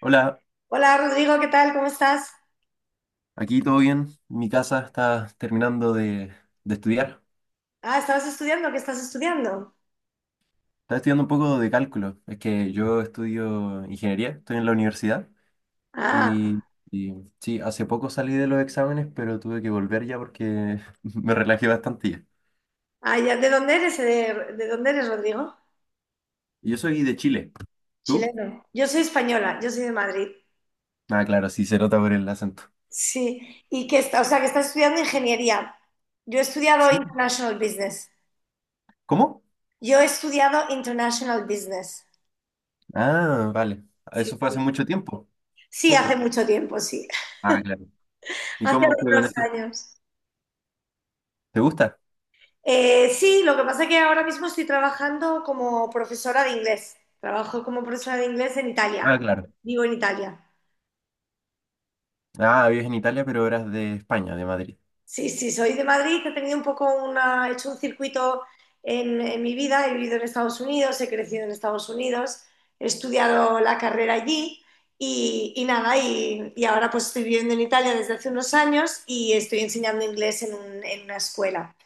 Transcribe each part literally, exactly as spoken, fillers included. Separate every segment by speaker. Speaker 1: Hola,
Speaker 2: Hola Rodrigo, ¿qué tal? ¿Cómo estás?
Speaker 1: aquí todo bien. Mi casa está terminando de, de estudiar.
Speaker 2: Ah, ¿estabas estudiando? ¿Qué estás estudiando?
Speaker 1: Está estudiando un poco de cálculo. Es que yo estudio ingeniería, estoy en la universidad
Speaker 2: Ah,
Speaker 1: y, y sí, hace poco salí de los exámenes, pero tuve que volver ya porque me relajé bastante ya.
Speaker 2: ah, ya, ¿de dónde eres? eh, ¿De, de dónde eres, Rodrigo?
Speaker 1: Yo soy de Chile. ¿Tú?
Speaker 2: Chileno. Yo soy española, yo soy de Madrid.
Speaker 1: Ah, claro, sí, se nota por el acento.
Speaker 2: Sí, y que está, o sea, que estás estudiando ingeniería. Yo he estudiado
Speaker 1: Sí.
Speaker 2: International Business.
Speaker 1: ¿Cómo?
Speaker 2: Yo he estudiado International Business.
Speaker 1: Ah, vale.
Speaker 2: Sí,
Speaker 1: Eso fue hace
Speaker 2: sí.
Speaker 1: mucho tiempo.
Speaker 2: Sí, hace
Speaker 1: Poco.
Speaker 2: mucho tiempo, sí.
Speaker 1: Ah, claro. ¿Y
Speaker 2: Hace
Speaker 1: cómo fue con
Speaker 2: algunos
Speaker 1: esto?
Speaker 2: años.
Speaker 1: ¿Te gusta?
Speaker 2: Eh, sí, lo que pasa es que ahora mismo estoy trabajando como profesora de inglés. Trabajo como profesora de inglés en
Speaker 1: Ah,
Speaker 2: Italia.
Speaker 1: claro.
Speaker 2: Vivo en Italia.
Speaker 1: Ah, vives en Italia, pero eras de España, de Madrid.
Speaker 2: Sí, sí, soy de Madrid, que he tenido un poco una, he hecho un circuito en, en mi vida, he vivido en Estados Unidos, he crecido en Estados Unidos, he estudiado la carrera allí y, y nada, y, y ahora pues estoy viviendo en Italia desde hace unos años y estoy enseñando inglés en, un- en una escuela.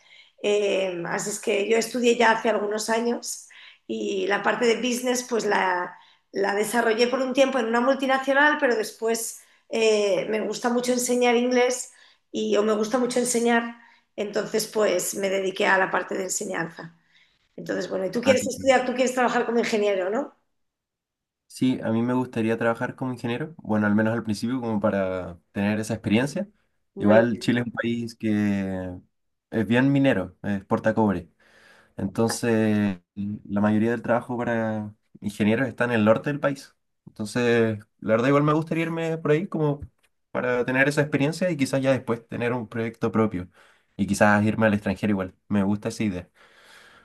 Speaker 2: Eh, así es que yo estudié ya hace algunos años y la parte de business pues la, la desarrollé por un tiempo en una multinacional, pero después eh, me gusta mucho enseñar inglés y o me gusta mucho enseñar, entonces pues me dediqué a la parte de enseñanza. Entonces, bueno, y tú
Speaker 1: Ah,
Speaker 2: quieres
Speaker 1: qué cool.
Speaker 2: estudiar, tú quieres trabajar como ingeniero, ¿no?
Speaker 1: Sí, a mí me gustaría trabajar como ingeniero, bueno, al menos al principio, como para tener esa experiencia.
Speaker 2: Muy
Speaker 1: Igual
Speaker 2: bien.
Speaker 1: Chile es un país que es bien minero, eh, exporta cobre. Entonces, la mayoría del trabajo para ingenieros está en el norte del país. Entonces, la verdad, igual me gustaría irme por ahí como para tener esa experiencia y quizás ya después tener un proyecto propio. Y quizás irme al extranjero igual. Me gusta esa idea.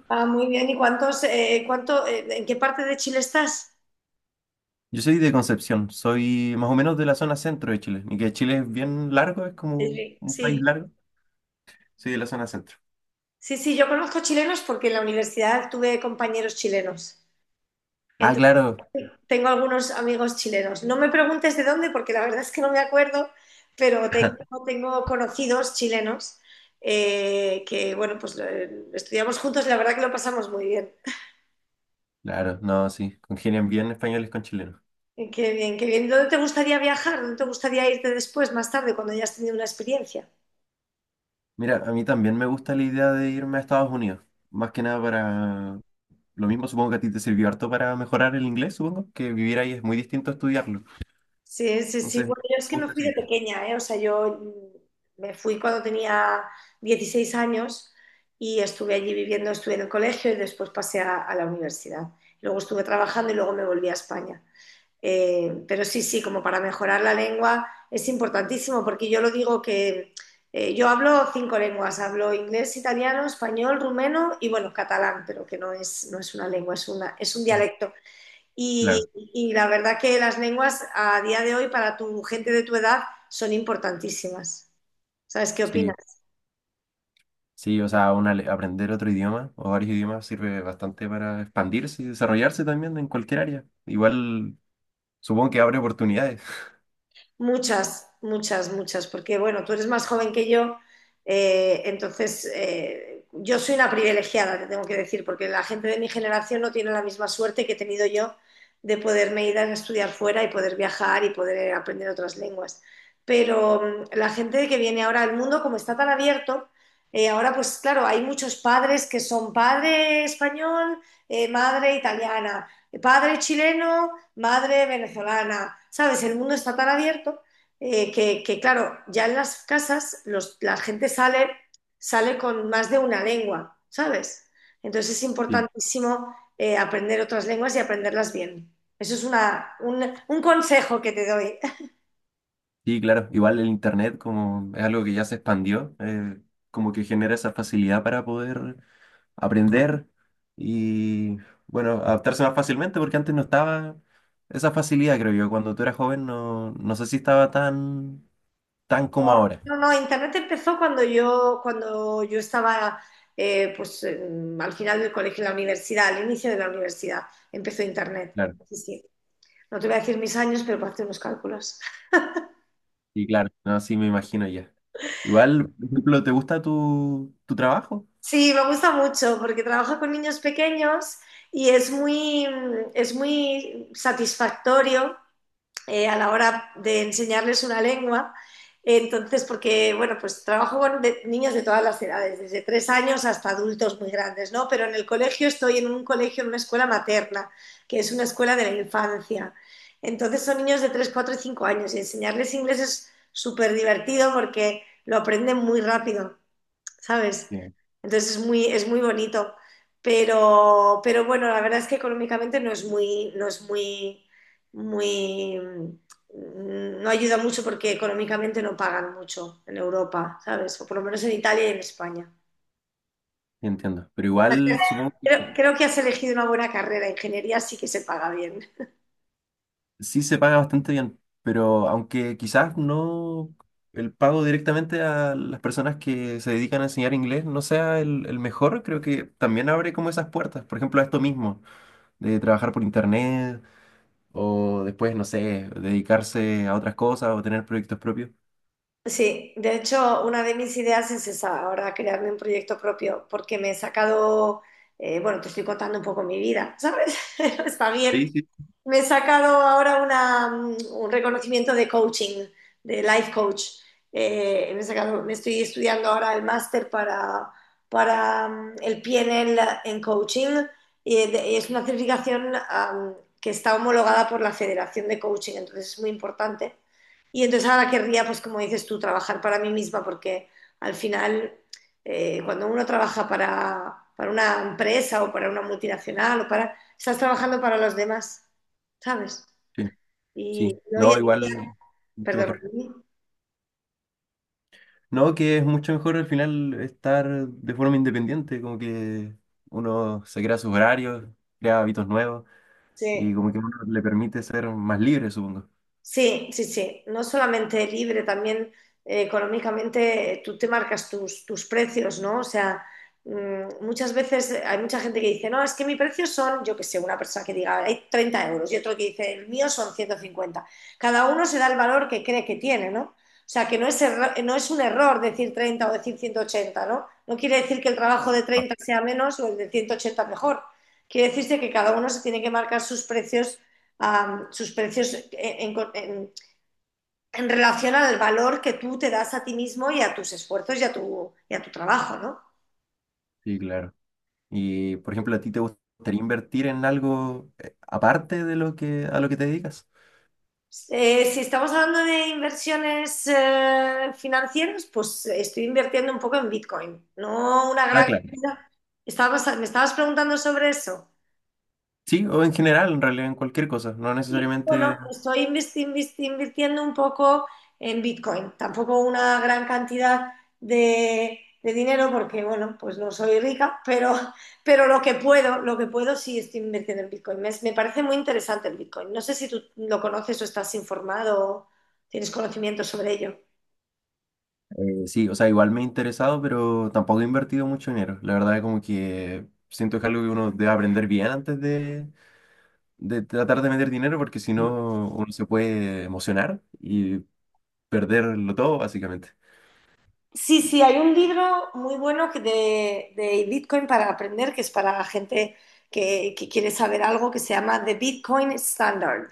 Speaker 2: Ah, muy bien. ¿Y cuántos, eh, cuánto, eh, en qué parte de Chile estás?
Speaker 1: Yo soy de Concepción, soy más o menos de la zona centro de Chile, y que Chile es bien largo, es como un país
Speaker 2: Sí,
Speaker 1: largo. Soy de la zona centro.
Speaker 2: sí, sí, yo conozco chilenos porque en la universidad tuve compañeros chilenos.
Speaker 1: Ah, claro,
Speaker 2: Tengo algunos amigos chilenos. No me preguntes de dónde, porque la verdad es que no me acuerdo, pero tengo, tengo conocidos chilenos eh, que, bueno, pues lo- eh, estudiamos juntos y la verdad que lo pasamos muy bien.
Speaker 1: claro, no, sí, congenian bien españoles con chilenos.
Speaker 2: Eh, Qué bien, qué bien. ¿Dónde te gustaría viajar? ¿Dónde te gustaría irte después, más tarde, cuando hayas tenido una experiencia?
Speaker 1: Mira, a mí también me gusta la idea de irme a Estados Unidos, más que nada para lo mismo, supongo que a ti te sirvió harto para mejorar el inglés, supongo que vivir ahí es muy distinto a estudiarlo.
Speaker 2: Sí, sí, sí.
Speaker 1: Entonces, me
Speaker 2: Bueno, yo es que me
Speaker 1: gusta
Speaker 2: fui
Speaker 1: esa
Speaker 2: de
Speaker 1: idea.
Speaker 2: pequeña, ¿eh? O sea, yo mm, me fui cuando tenía dieciséis años y estuve allí viviendo, estuve en el colegio y después pasé a, a la universidad. Luego estuve trabajando y luego me volví a España. Eh, pero sí, sí, como para mejorar la lengua es importantísimo porque yo lo digo que eh, yo hablo cinco lenguas, hablo inglés, italiano, español, rumeno y bueno, catalán, pero que no es, no es una lengua, es una, es un dialecto.
Speaker 1: Claro,
Speaker 2: Y, y la verdad que las lenguas a día de hoy para tu gente de tu edad son importantísimas. ¿Sabes qué
Speaker 1: sí.
Speaker 2: opinas?
Speaker 1: Sí, o sea, una, le- aprender otro idioma o varios idiomas sirve bastante para expandirse y desarrollarse también en cualquier área. Igual supongo que abre oportunidades.
Speaker 2: Muchas, muchas, muchas, porque bueno, tú eres más joven que yo, eh, entonces eh, yo soy una privilegiada, te tengo que decir, porque la gente de mi generación no tiene la misma suerte que he tenido yo de poderme ir a estudiar fuera y poder viajar y poder aprender otras lenguas. Pero mm, la gente que viene ahora al mundo, como está tan abierto, eh, ahora pues claro, hay muchos padres que son padre español, eh, madre italiana, Padre chileno, madre venezolana, ¿sabes? El mundo está tan abierto eh, que, que, claro, ya en las casas los- la gente sale, sale con más de una lengua, ¿sabes? Entonces es
Speaker 1: Sí,
Speaker 2: importantísimo eh, aprender otras lenguas y aprenderlas bien. Eso es una, un, un consejo que te doy.
Speaker 1: sí, claro. Igual el Internet como es algo que ya se expandió, eh, como que genera esa facilidad para poder aprender y, bueno, adaptarse más fácilmente porque antes no estaba esa facilidad, creo yo. Cuando tú eras joven no, no sé si estaba tan, tan como
Speaker 2: No,
Speaker 1: ahora.
Speaker 2: no, no, Internet empezó cuando yo, cuando yo estaba eh, pues, eh, al final del colegio, en la universidad, al inicio de la universidad, empezó Internet.
Speaker 1: Claro.
Speaker 2: Sí, sí. No te voy a decir mis años, pero para hacer unos cálculos.
Speaker 1: Sí, claro, no, sí, me imagino ya. Igual, por ejemplo, ¿te gusta tu, tu trabajo?
Speaker 2: Sí, me gusta mucho porque trabaja con niños pequeños y es muy, es muy satisfactorio eh, a la hora de enseñarles una lengua. Entonces, porque, bueno, pues trabajo con de- niños de todas las edades, desde tres años hasta adultos muy grandes, ¿no? Pero en el colegio estoy en un colegio, en una escuela materna, que es una escuela de la infancia. Entonces son niños de tres cuatro y cinco años y enseñarles inglés es súper divertido porque lo aprenden muy rápido, ¿sabes?
Speaker 1: Sí,
Speaker 2: Entonces es muy, es muy bonito. Pero, pero bueno, la verdad es que económicamente no es muy, no es muy, muy, mm, no ayuda mucho porque económicamente no pagan mucho en Europa, ¿sabes? O por lo menos en Italia y en España.
Speaker 1: sí, entiendo. Pero igual supongo que
Speaker 2: Creo, creo que has elegido una buena carrera. Ingeniería sí que se paga bien.
Speaker 1: sí se paga bastante bien, pero aunque quizás no el pago directamente a las personas que se dedican a enseñar inglés no sea el, el mejor, creo que también abre como esas puertas. Por ejemplo, a esto mismo, de trabajar por internet o después, no sé, dedicarse a otras cosas o tener proyectos propios.
Speaker 2: Sí, de hecho, una de mis ideas es esa, ahora crearme un proyecto propio, porque me he sacado, eh, bueno, te estoy contando un poco mi vida, ¿sabes? Está
Speaker 1: Sí,
Speaker 2: bien.
Speaker 1: sí.
Speaker 2: Me he sacado ahora una, mm, un reconocimiento de coaching, de life coach. Eh, me, he sacado- me estoy estudiando ahora el máster para, para mm, el P N L en coaching y de- es una certificación am, que está homologada por la Federación de Coaching, entonces es muy importante. Y entonces ahora querría, pues como dices tú, trabajar para mí misma porque al final eh, cuando uno trabaja para, para una empresa o para una multinacional o para... Estás trabajando para los demás. ¿Sabes?
Speaker 1: Sí,
Speaker 2: Y
Speaker 1: sí.
Speaker 2: hoy
Speaker 1: No,
Speaker 2: en día,
Speaker 1: igual, mucho
Speaker 2: perdón.
Speaker 1: mejor.
Speaker 2: Sí.
Speaker 1: No, que es mucho mejor al final estar de forma independiente, como que uno se crea sus horarios, crea hábitos nuevos y
Speaker 2: Sí.
Speaker 1: como que uno le permite ser más libre, supongo.
Speaker 2: Sí, sí, sí. No solamente libre, también eh, económicamente eh, tú te marcas tus, tus precios, ¿no? O sea, mm, muchas veces hay mucha gente que dice, no, es que mi precio son, yo qué sé, una persona que diga, hay treinta euros y otro que dice, el mío son ciento cincuenta. Cada uno se da el valor que cree que tiene, ¿no? O sea, que no es, erro- no es un error decir treinta o decir ciento ochenta, ¿no? No quiere decir que el trabajo de treinta sea menos o el de ciento ochenta mejor. Quiere decirse que cada uno se tiene que marcar sus precios um, sus precios en, en, en, relación al valor que tú te das a ti mismo y a tus esfuerzos y a tu, y a tu trabajo, ¿no?
Speaker 1: Sí, claro. Y por ejemplo, ¿a ti te gustaría invertir en algo eh, aparte de lo que a lo que te dedicas?
Speaker 2: Eh, si estamos hablando de inversiones eh, financieras, pues estoy invirtiendo un poco en Bitcoin, no una
Speaker 1: Ah,
Speaker 2: gran
Speaker 1: claro.
Speaker 2: cantidad. Estabas, me estabas preguntando sobre eso.
Speaker 1: Sí, o en general, en realidad, en cualquier cosa, no
Speaker 2: Y,
Speaker 1: necesariamente.
Speaker 2: bueno, estoy investi- investi- invirtiendo un poco en Bitcoin, tampoco una gran cantidad de, de dinero porque, bueno, pues no soy rica, pero, pero lo que puedo, lo que puedo sí estoy invirtiendo en Bitcoin. Me, me parece muy interesante el Bitcoin. No sé si tú lo conoces o estás informado o tienes conocimiento sobre ello.
Speaker 1: Eh, sí, o sea, igual me he interesado, pero tampoco he invertido mucho dinero. La verdad, es como que siento que es algo que uno debe aprender bien antes de de tratar de meter dinero porque si no uno se puede emocionar y perderlo todo, básicamente.
Speaker 2: Sí, sí, hay un libro muy bueno que de, de Bitcoin para aprender, que es para la gente que, que quiere saber algo, que se llama The Bitcoin Standard.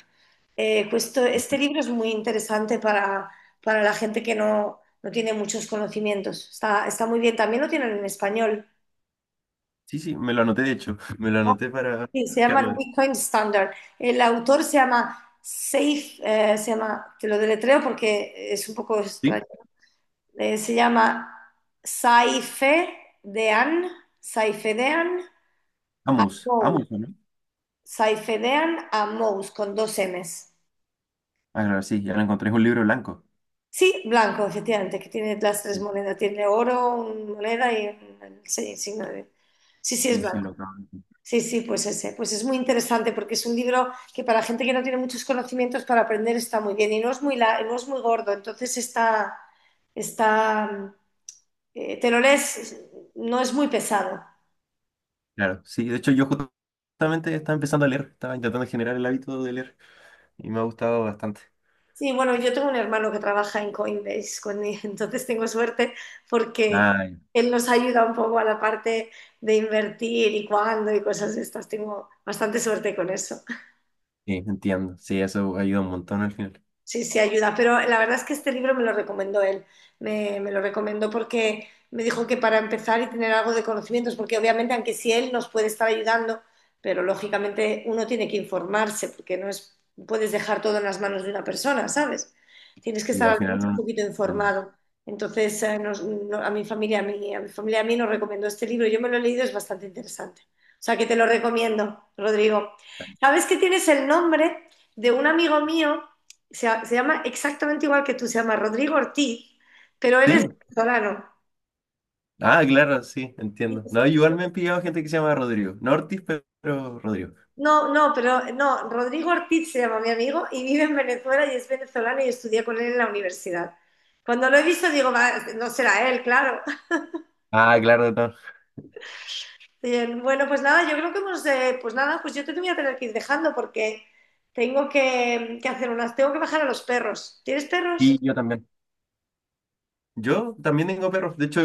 Speaker 2: Eh, justo este libro es muy interesante para, para la gente que no, no tiene muchos conocimientos. Está, está muy bien. También lo tienen en español.
Speaker 1: Sí, sí, me lo anoté, de hecho, me lo anoté para
Speaker 2: Sí, se llama
Speaker 1: buscarlo.
Speaker 2: Bitcoin Standard. El autor se llama Safe, eh, se llama, te lo deletreo porque es un poco
Speaker 1: ¿Sí?
Speaker 2: extraño. Eh, se llama Saifedean, Saifedean
Speaker 1: Amus,
Speaker 2: Mous,
Speaker 1: Amus, ¿o ¿no?
Speaker 2: Saifedean Amous, con dos M's.
Speaker 1: Ah, claro, sí, ya lo encontré, es un libro blanco.
Speaker 2: Sí, blanco, efectivamente, que tiene las tres
Speaker 1: Sí,
Speaker 2: monedas. Tiene oro, una moneda y un sí, signo de... Sí, sí, es
Speaker 1: sí, sí, lo
Speaker 2: blanco.
Speaker 1: acabo de encontrar.
Speaker 2: Sí, sí, pues ese. Pues es muy interesante porque es un libro que para gente que no tiene muchos conocimientos para aprender está muy bien y no es muy, la- no es muy gordo, entonces está, está, eh, te lo lees, no es muy pesado.
Speaker 1: Claro, sí, de hecho yo justamente estaba empezando a leer, estaba intentando generar el hábito de leer y me ha gustado bastante.
Speaker 2: Sí, bueno, yo tengo un hermano que trabaja en Coinbase conmigo, entonces tengo suerte porque
Speaker 1: Ah, ya,
Speaker 2: él nos ayuda un poco a la parte de invertir y cuándo y cosas de estas. Tengo bastante suerte con eso.
Speaker 1: sí, entiendo, sí, eso ayuda un montón al final.
Speaker 2: Sí, sí, ayuda, pero la verdad es que este libro me lo recomendó él, me, me lo recomendó porque me dijo que para empezar y tener algo de conocimientos, porque obviamente aunque sí él nos puede estar ayudando, pero lógicamente uno tiene que informarse, porque no es, puedes dejar todo en las manos de una persona, ¿sabes? Tienes que
Speaker 1: Y
Speaker 2: estar
Speaker 1: al
Speaker 2: al menos
Speaker 1: final
Speaker 2: un
Speaker 1: uno
Speaker 2: poquito
Speaker 1: aprende.
Speaker 2: informado. Entonces, eh, nos- no- a mi familia, a mí a mi familia, a mí nos recomendó este libro, yo me lo he leído, es bastante interesante. O sea que te lo recomiendo, Rodrigo. ¿Sabes que tienes el nombre de un amigo mío? se, se llama exactamente igual que tú, se llama Rodrigo Ortiz, pero él es
Speaker 1: Sí.
Speaker 2: venezolano.
Speaker 1: Ah, claro, sí,
Speaker 2: Y-
Speaker 1: entiendo. No, igual me han pillado gente que se llama Rodrigo. No Ortiz, pero pero Rodrigo.
Speaker 2: No, no, pero no, Rodrigo Ortiz se llama mi amigo y vive en Venezuela y es venezolano y estudié con él en la universidad. Cuando lo he visto digo, "Va, no será él, claro".
Speaker 1: Ah, claro, no.
Speaker 2: Bien, bueno, pues nada, yo creo que hemos, eh, pues nada, pues yo te voy a tener que ir dejando porque tengo que, que hacer unas, tengo que bajar a los perros. ¿Tienes perros?
Speaker 1: Y yo también. Yo también tengo perros. De hecho,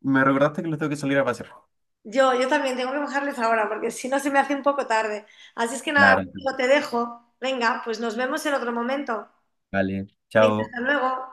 Speaker 1: me recordaste que los tengo que salir a pasear.
Speaker 2: Yo, yo también tengo que bajarles ahora porque si no se me hace un poco tarde. Así es que nada,
Speaker 1: Claro,
Speaker 2: Rocío, te dejo. Venga, pues nos vemos en otro momento.
Speaker 1: vale.
Speaker 2: Venga,
Speaker 1: Chao.
Speaker 2: hasta luego.